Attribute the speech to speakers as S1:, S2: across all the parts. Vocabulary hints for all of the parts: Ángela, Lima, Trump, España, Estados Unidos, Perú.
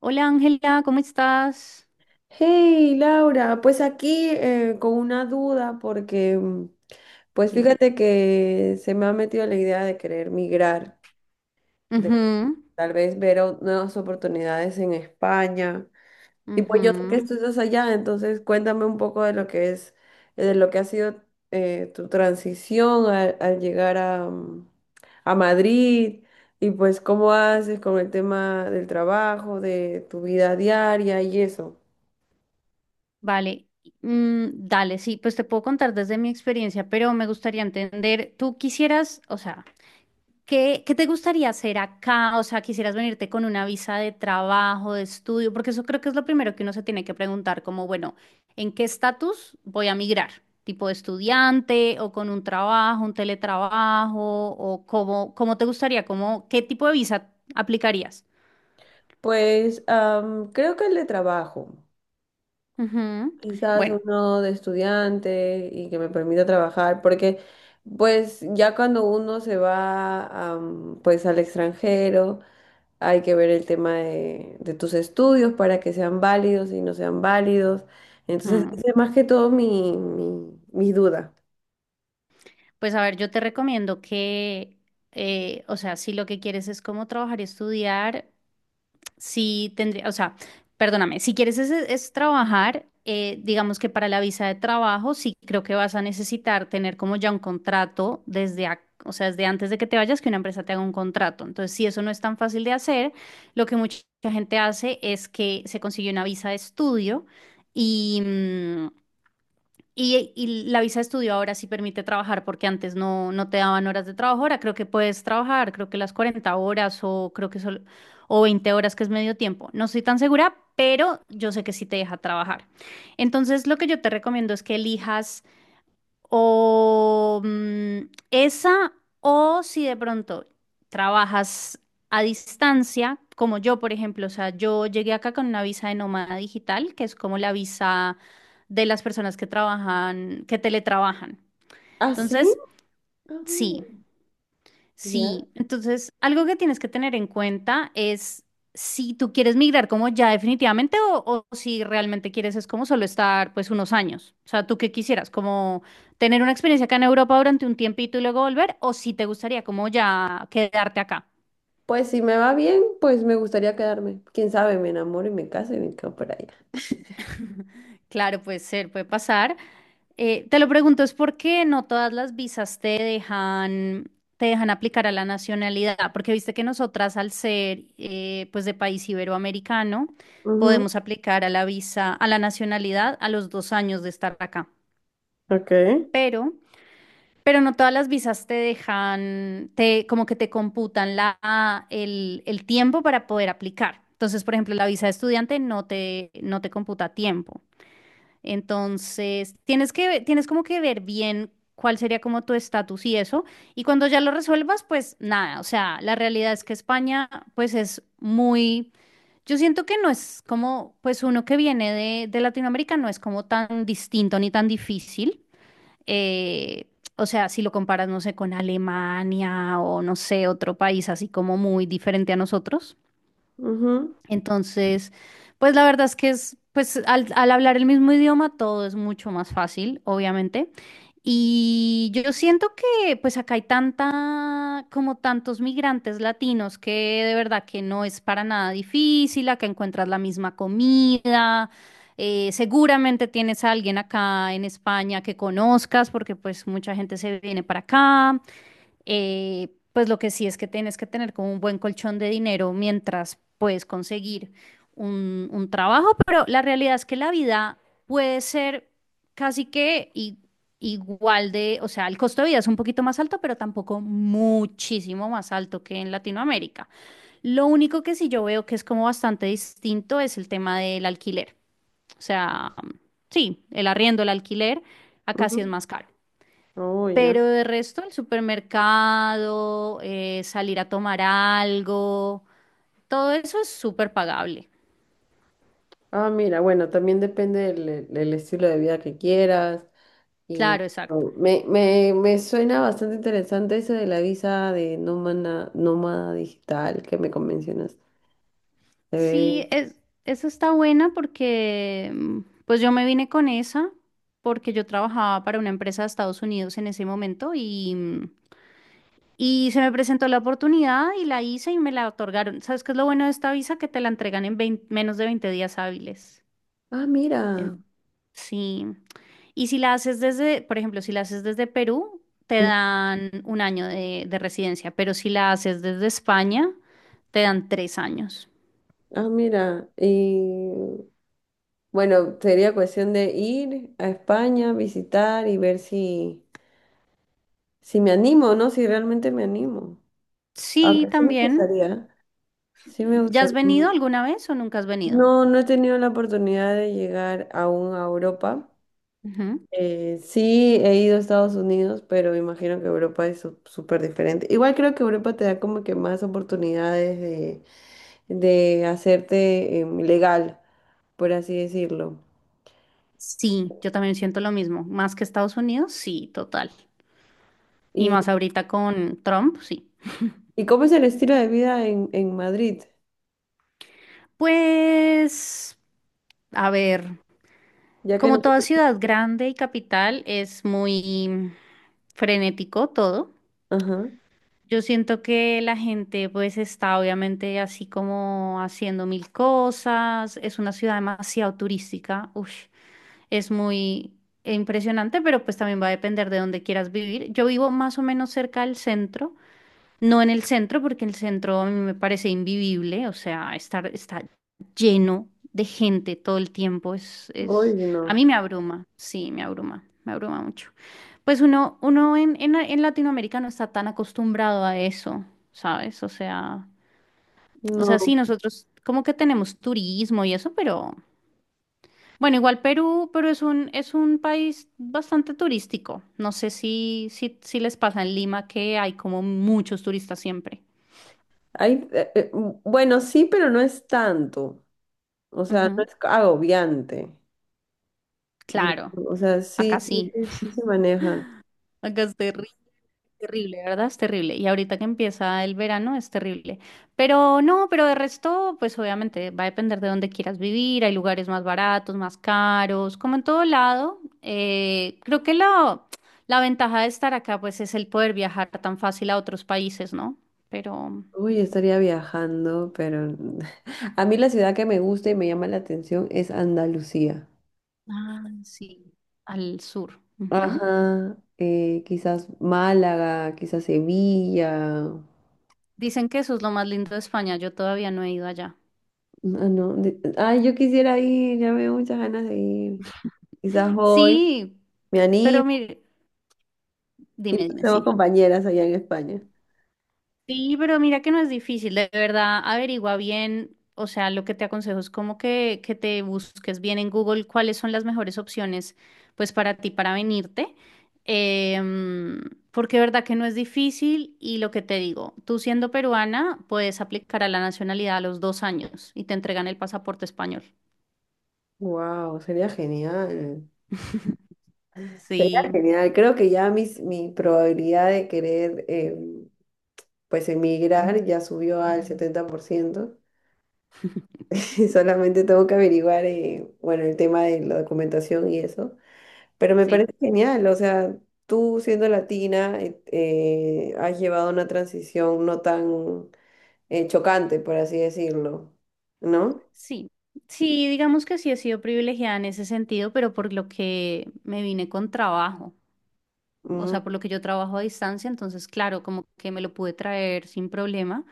S1: Hola Ángela, ¿cómo estás?
S2: Hey Laura, pues aquí con una duda porque pues
S1: Dime.
S2: fíjate que se me ha metido la idea de querer migrar, de
S1: Ujú,
S2: tal vez nuevas oportunidades en España. Y pues yo sé que
S1: ujú.
S2: tú estás allá, entonces cuéntame un poco de lo que es, de lo que ha sido tu transición al llegar a Madrid, y pues cómo haces con el tema del trabajo, de tu vida diaria y eso.
S1: Vale, Mm, dale, sí, pues te puedo contar desde mi experiencia, pero me gustaría entender, tú quisieras, o sea, ¿Qué te gustaría hacer acá? O sea, ¿quisieras venirte con una visa de trabajo, de estudio? Porque eso creo que es lo primero que uno se tiene que preguntar, como, bueno, ¿en qué estatus voy a migrar? ¿Tipo de estudiante o con un trabajo, un teletrabajo? ¿O cómo te gustaría? ¿ qué tipo de visa aplicarías?
S2: Pues creo que el de trabajo,
S1: Ujú.
S2: quizás
S1: Bueno,
S2: uno de estudiante y que me permita trabajar, porque pues ya cuando uno se va, pues al extranjero, hay que ver el tema de tus estudios para que sean válidos y no sean válidos. Entonces,
S1: mm,
S2: esa es más que todo mi duda.
S1: pues a ver, yo te recomiendo que, o sea, si lo que quieres es como trabajar y estudiar, sí tendría, o sea, perdóname, si quieres es trabajar, digamos que para la visa de trabajo, sí creo que vas a necesitar tener como ya un contrato o sea, desde antes de que te vayas, que una empresa te haga un contrato. Entonces, si eso no es tan fácil de hacer, lo que mucha gente hace es que se consigue una visa de estudio. Y, mm, y la visa de estudio ahora sí permite trabajar porque antes no te daban horas de trabajo. Ahora creo que puedes trabajar, creo que las 40 horas o creo que solo, o 20 horas que es medio tiempo. No estoy tan segura, pero yo sé que sí te deja trabajar. Entonces, lo que yo te recomiendo es que elijas o esa, o si de pronto trabajas a distancia, como yo, por ejemplo, o sea, yo llegué acá con una visa de nómada digital, que es como la visa de las personas que trabajan, que teletrabajan.
S2: ¿Ah, sí?
S1: Entonces,
S2: Ah, bueno,
S1: sí.
S2: ya.
S1: Sí, entonces algo que tienes que tener en cuenta es si tú quieres migrar como ya definitivamente o si realmente quieres es como solo estar pues unos años. O sea, ¿tú qué quisieras? ¿Como tener una experiencia acá en Europa durante un tiempito y luego volver? ¿O si te gustaría como ya quedarte acá?
S2: Pues si me va bien, pues me gustaría quedarme. Quién sabe, me enamoro y me caso y me quedo por allá.
S1: Claro, puede ser, puede pasar. Te lo pregunto, es porque no todas las visas te dejan aplicar a la nacionalidad, porque viste que nosotras al ser pues de país iberoamericano
S2: Ujú,
S1: podemos aplicar a la visa, a la nacionalidad a los 2 años de estar acá,
S2: ok.
S1: pero, pero no todas las visas te dejan, como que te computan el tiempo para poder aplicar. Entonces, por ejemplo, la visa de estudiante no te computa tiempo. Entonces, tienes que, tienes como que ver bien cuál sería como tu estatus y eso. Y cuando ya lo resuelvas, pues nada, o sea, la realidad es que España, pues es muy, yo siento que no es como, pues uno que viene de Latinoamérica no es como tan distinto ni tan difícil. Eh, o sea, si lo comparas, no sé, con Alemania o no sé, otro país así como muy diferente a nosotros.
S2: Ujú,
S1: Entonces, pues la verdad es que es, pues al hablar el mismo idioma todo es mucho más fácil, obviamente. Y yo siento que pues acá hay tanta, como tantos migrantes latinos que de verdad que no es para nada difícil, acá encuentras la misma comida, seguramente tienes a alguien acá en España que conozcas porque pues mucha gente se viene para acá pues lo que sí es que tienes que tener como un buen colchón de dinero mientras puedes conseguir un trabajo, pero la realidad es que la vida puede ser casi que igual de, o sea, el costo de vida es un poquito más alto, pero tampoco muchísimo más alto que en Latinoamérica. Lo único que sí yo veo que es como bastante distinto es el tema del alquiler. O sea, sí, el arriendo, el alquiler, acá sí es
S2: ujú.
S1: más caro.
S2: Oh, ya.
S1: Pero de resto, el supermercado, salir a tomar algo, todo eso es súper pagable.
S2: Ah, mira, bueno, también depende el estilo de vida que quieras. Y
S1: Claro, exacto.
S2: oh, me suena bastante interesante eso de la visa de nómada digital que me convencionas. Se ve-
S1: Sí, es, eso está buena porque pues yo me vine con esa porque yo trabajaba para una empresa de Estados Unidos en ese momento y se me presentó la oportunidad y la hice y me la otorgaron. ¿Sabes qué es lo bueno de esta visa? Que te la entregan en 20 menos de 20 días hábiles.
S2: Ah, mira.
S1: En- sí. Y si la haces desde, por ejemplo, si la haces desde Perú, te
S2: Mm,
S1: dan un año de residencia, pero si la haces desde España, te dan 3 años.
S2: ah, mira. Y bueno, sería cuestión de ir a España, visitar y ver si, si me animo, ¿no? Si realmente me animo.
S1: Sí,
S2: Aunque sí me
S1: también.
S2: gustaría. Sí me
S1: ¿Ya has
S2: gustaría.
S1: venido alguna vez o nunca has venido?
S2: No, no he tenido la oportunidad de llegar aún a Europa.
S1: Ujú.
S2: Sí, he ido a Estados Unidos, pero me imagino que Europa es súper diferente. Igual creo que Europa te da como que más oportunidades de hacerte legal, por así decirlo.
S1: Sí, yo también siento lo mismo. Más que Estados Unidos, sí, total. Y
S2: ¿Y,
S1: más ahorita con Trump, sí.
S2: y cómo es el estilo de vida en Madrid?
S1: Pues, a ver,
S2: Ya que
S1: como toda
S2: nosotros...
S1: ciudad grande y capital, es muy frenético todo.
S2: Ajá.
S1: Yo siento que la gente pues está obviamente así como haciendo mil cosas, es una ciudad demasiado turística, Ush, es muy impresionante, pero pues también va a depender de dónde quieras vivir. Yo vivo más o menos cerca del centro, no en el centro, porque el centro a mí me parece invivible, o sea, está lleno de gente todo el tiempo
S2: Uy, no.
S1: a mí me abruma, sí, me abruma mucho. Pues uno en, en Latinoamérica no está tan acostumbrado a eso, ¿sabes? O sea,
S2: No.
S1: sí, nosotros como que tenemos turismo y eso, pero bueno, igual Perú, pero es un, país bastante turístico. No sé si les pasa en Lima que hay como muchos turistas siempre.
S2: Hay, bueno, sí, pero no es tanto. O sea, no
S1: Ujú.
S2: es agobiante.
S1: Claro,
S2: O sea,
S1: acá sí,
S2: sí se maneja.
S1: acá es terrible, ¿verdad? Es terrible. Y ahorita que empieza el verano es terrible. Pero no, pero de resto, pues obviamente va a depender de dónde quieras vivir. Hay lugares más baratos, más caros, como en todo lado. Creo que la ventaja de estar acá, pues es el poder viajar tan fácil a otros países, ¿no? Pero,
S2: Uy, estaría viajando, pero a mí la ciudad que me gusta y me llama la atención es Andalucía.
S1: ah, sí, al sur. Ujú.
S2: Ajá, quizás Málaga, quizás Sevilla.
S1: Dicen que eso es lo más lindo de España. Yo todavía no he ido allá.
S2: Ah, no, ay, yo quisiera ir, ya me dio muchas ganas de ir. Quizás hoy
S1: Sí,
S2: me
S1: pero
S2: animo
S1: mire.
S2: y
S1: Dime,
S2: nos
S1: dime,
S2: hacemos
S1: sí.
S2: compañeras allá en España.
S1: Sí, pero mira que no es difícil, de verdad, averigua bien, o sea, lo que te aconsejo es como que te busques bien en Google cuáles son las mejores opciones, pues para ti, para venirte, em, porque de verdad que no es difícil y lo que te digo, tú siendo peruana puedes aplicar a la nacionalidad a los dos años y te entregan el pasaporte español.
S2: Wow, sería genial. Sería
S1: Sí,
S2: genial. Creo que ya mi probabilidad de querer pues en migrar ya subió al 70% y solamente tengo que averiguar, bueno, el tema de la documentación y eso, pero me
S1: sí,
S2: parece genial. O sea, tú siendo latina, has llevado una transición no tan chocante, por así decirlo, ¿no?
S1: sí. Sí, digamos que sí he sido privilegiada en ese sentido, pero por lo que me vine con trabajo. O
S2: Mm,
S1: sea, por lo que yo trabajo a distancia, entonces, claro, como que me lo pude traer sin problema,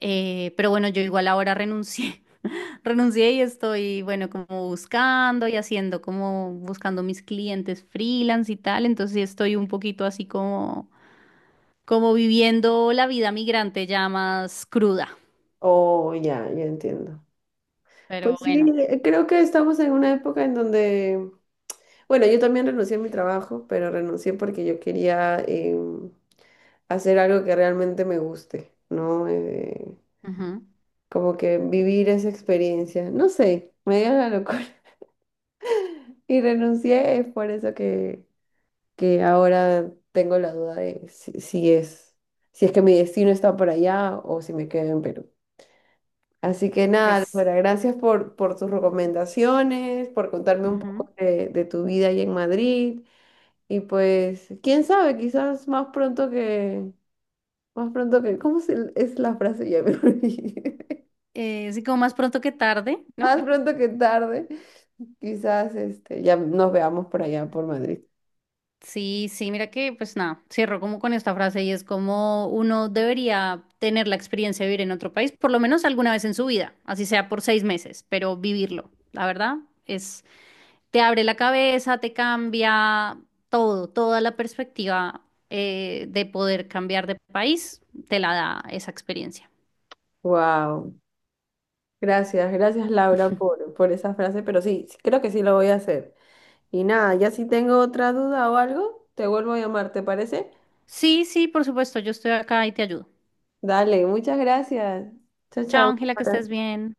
S1: pero bueno, yo igual ahora renuncié, renuncié y estoy, bueno, como buscando y haciendo, como buscando mis clientes freelance y tal, entonces sí estoy un poquito así como, como viviendo la vida migrante ya más cruda,
S2: oh, ya, ya entiendo.
S1: pero
S2: Pues sí,
S1: bueno,
S2: creo que estamos en una época en donde, bueno, yo también renuncié a mi trabajo, pero renuncié porque yo quería... hacer algo que realmente me guste, ¿no?
S1: ujú,
S2: Como que vivir esa experiencia, no sé, me dio la locura y renuncié, es por eso que ahora tengo la duda de si, si es, si es que mi destino está por allá o si me quedo en Perú. Así que nada,
S1: pues,
S2: Laura, gracias por tus recomendaciones, por contarme un
S1: ujú.
S2: poco de tu vida ahí en Madrid. Y pues, quién sabe, quizás más pronto que, ¿cómo es la frase? Ya me olvidé.
S1: Sí, como más pronto que tarde,
S2: Más
S1: ¿no?
S2: pronto que tarde. Quizás este, ya nos veamos por allá, por Madrid.
S1: Sí, sí, mira que pues nada, cierro como con esta frase y es como uno debería tener la experiencia de vivir en otro país, por lo menos alguna vez en su vida, así sea por 6 meses, pero vivirlo, la verdad, es, te abre la cabeza, te cambia todo, toda la perspectiva de poder cambiar de país, te la da esa experiencia.
S2: Wow. Gracias, gracias Laura por esa frase, pero sí, sí, creo que sí lo voy a hacer. Y nada, ya si tengo otra duda o algo, te vuelvo a llamar, ¿te parece?
S1: Sí, sí, por supuesto, yo estoy acá y te ayudo.
S2: Dale, muchas gracias. Chao,
S1: Chao,
S2: chao.
S1: Ángela, que estés bien.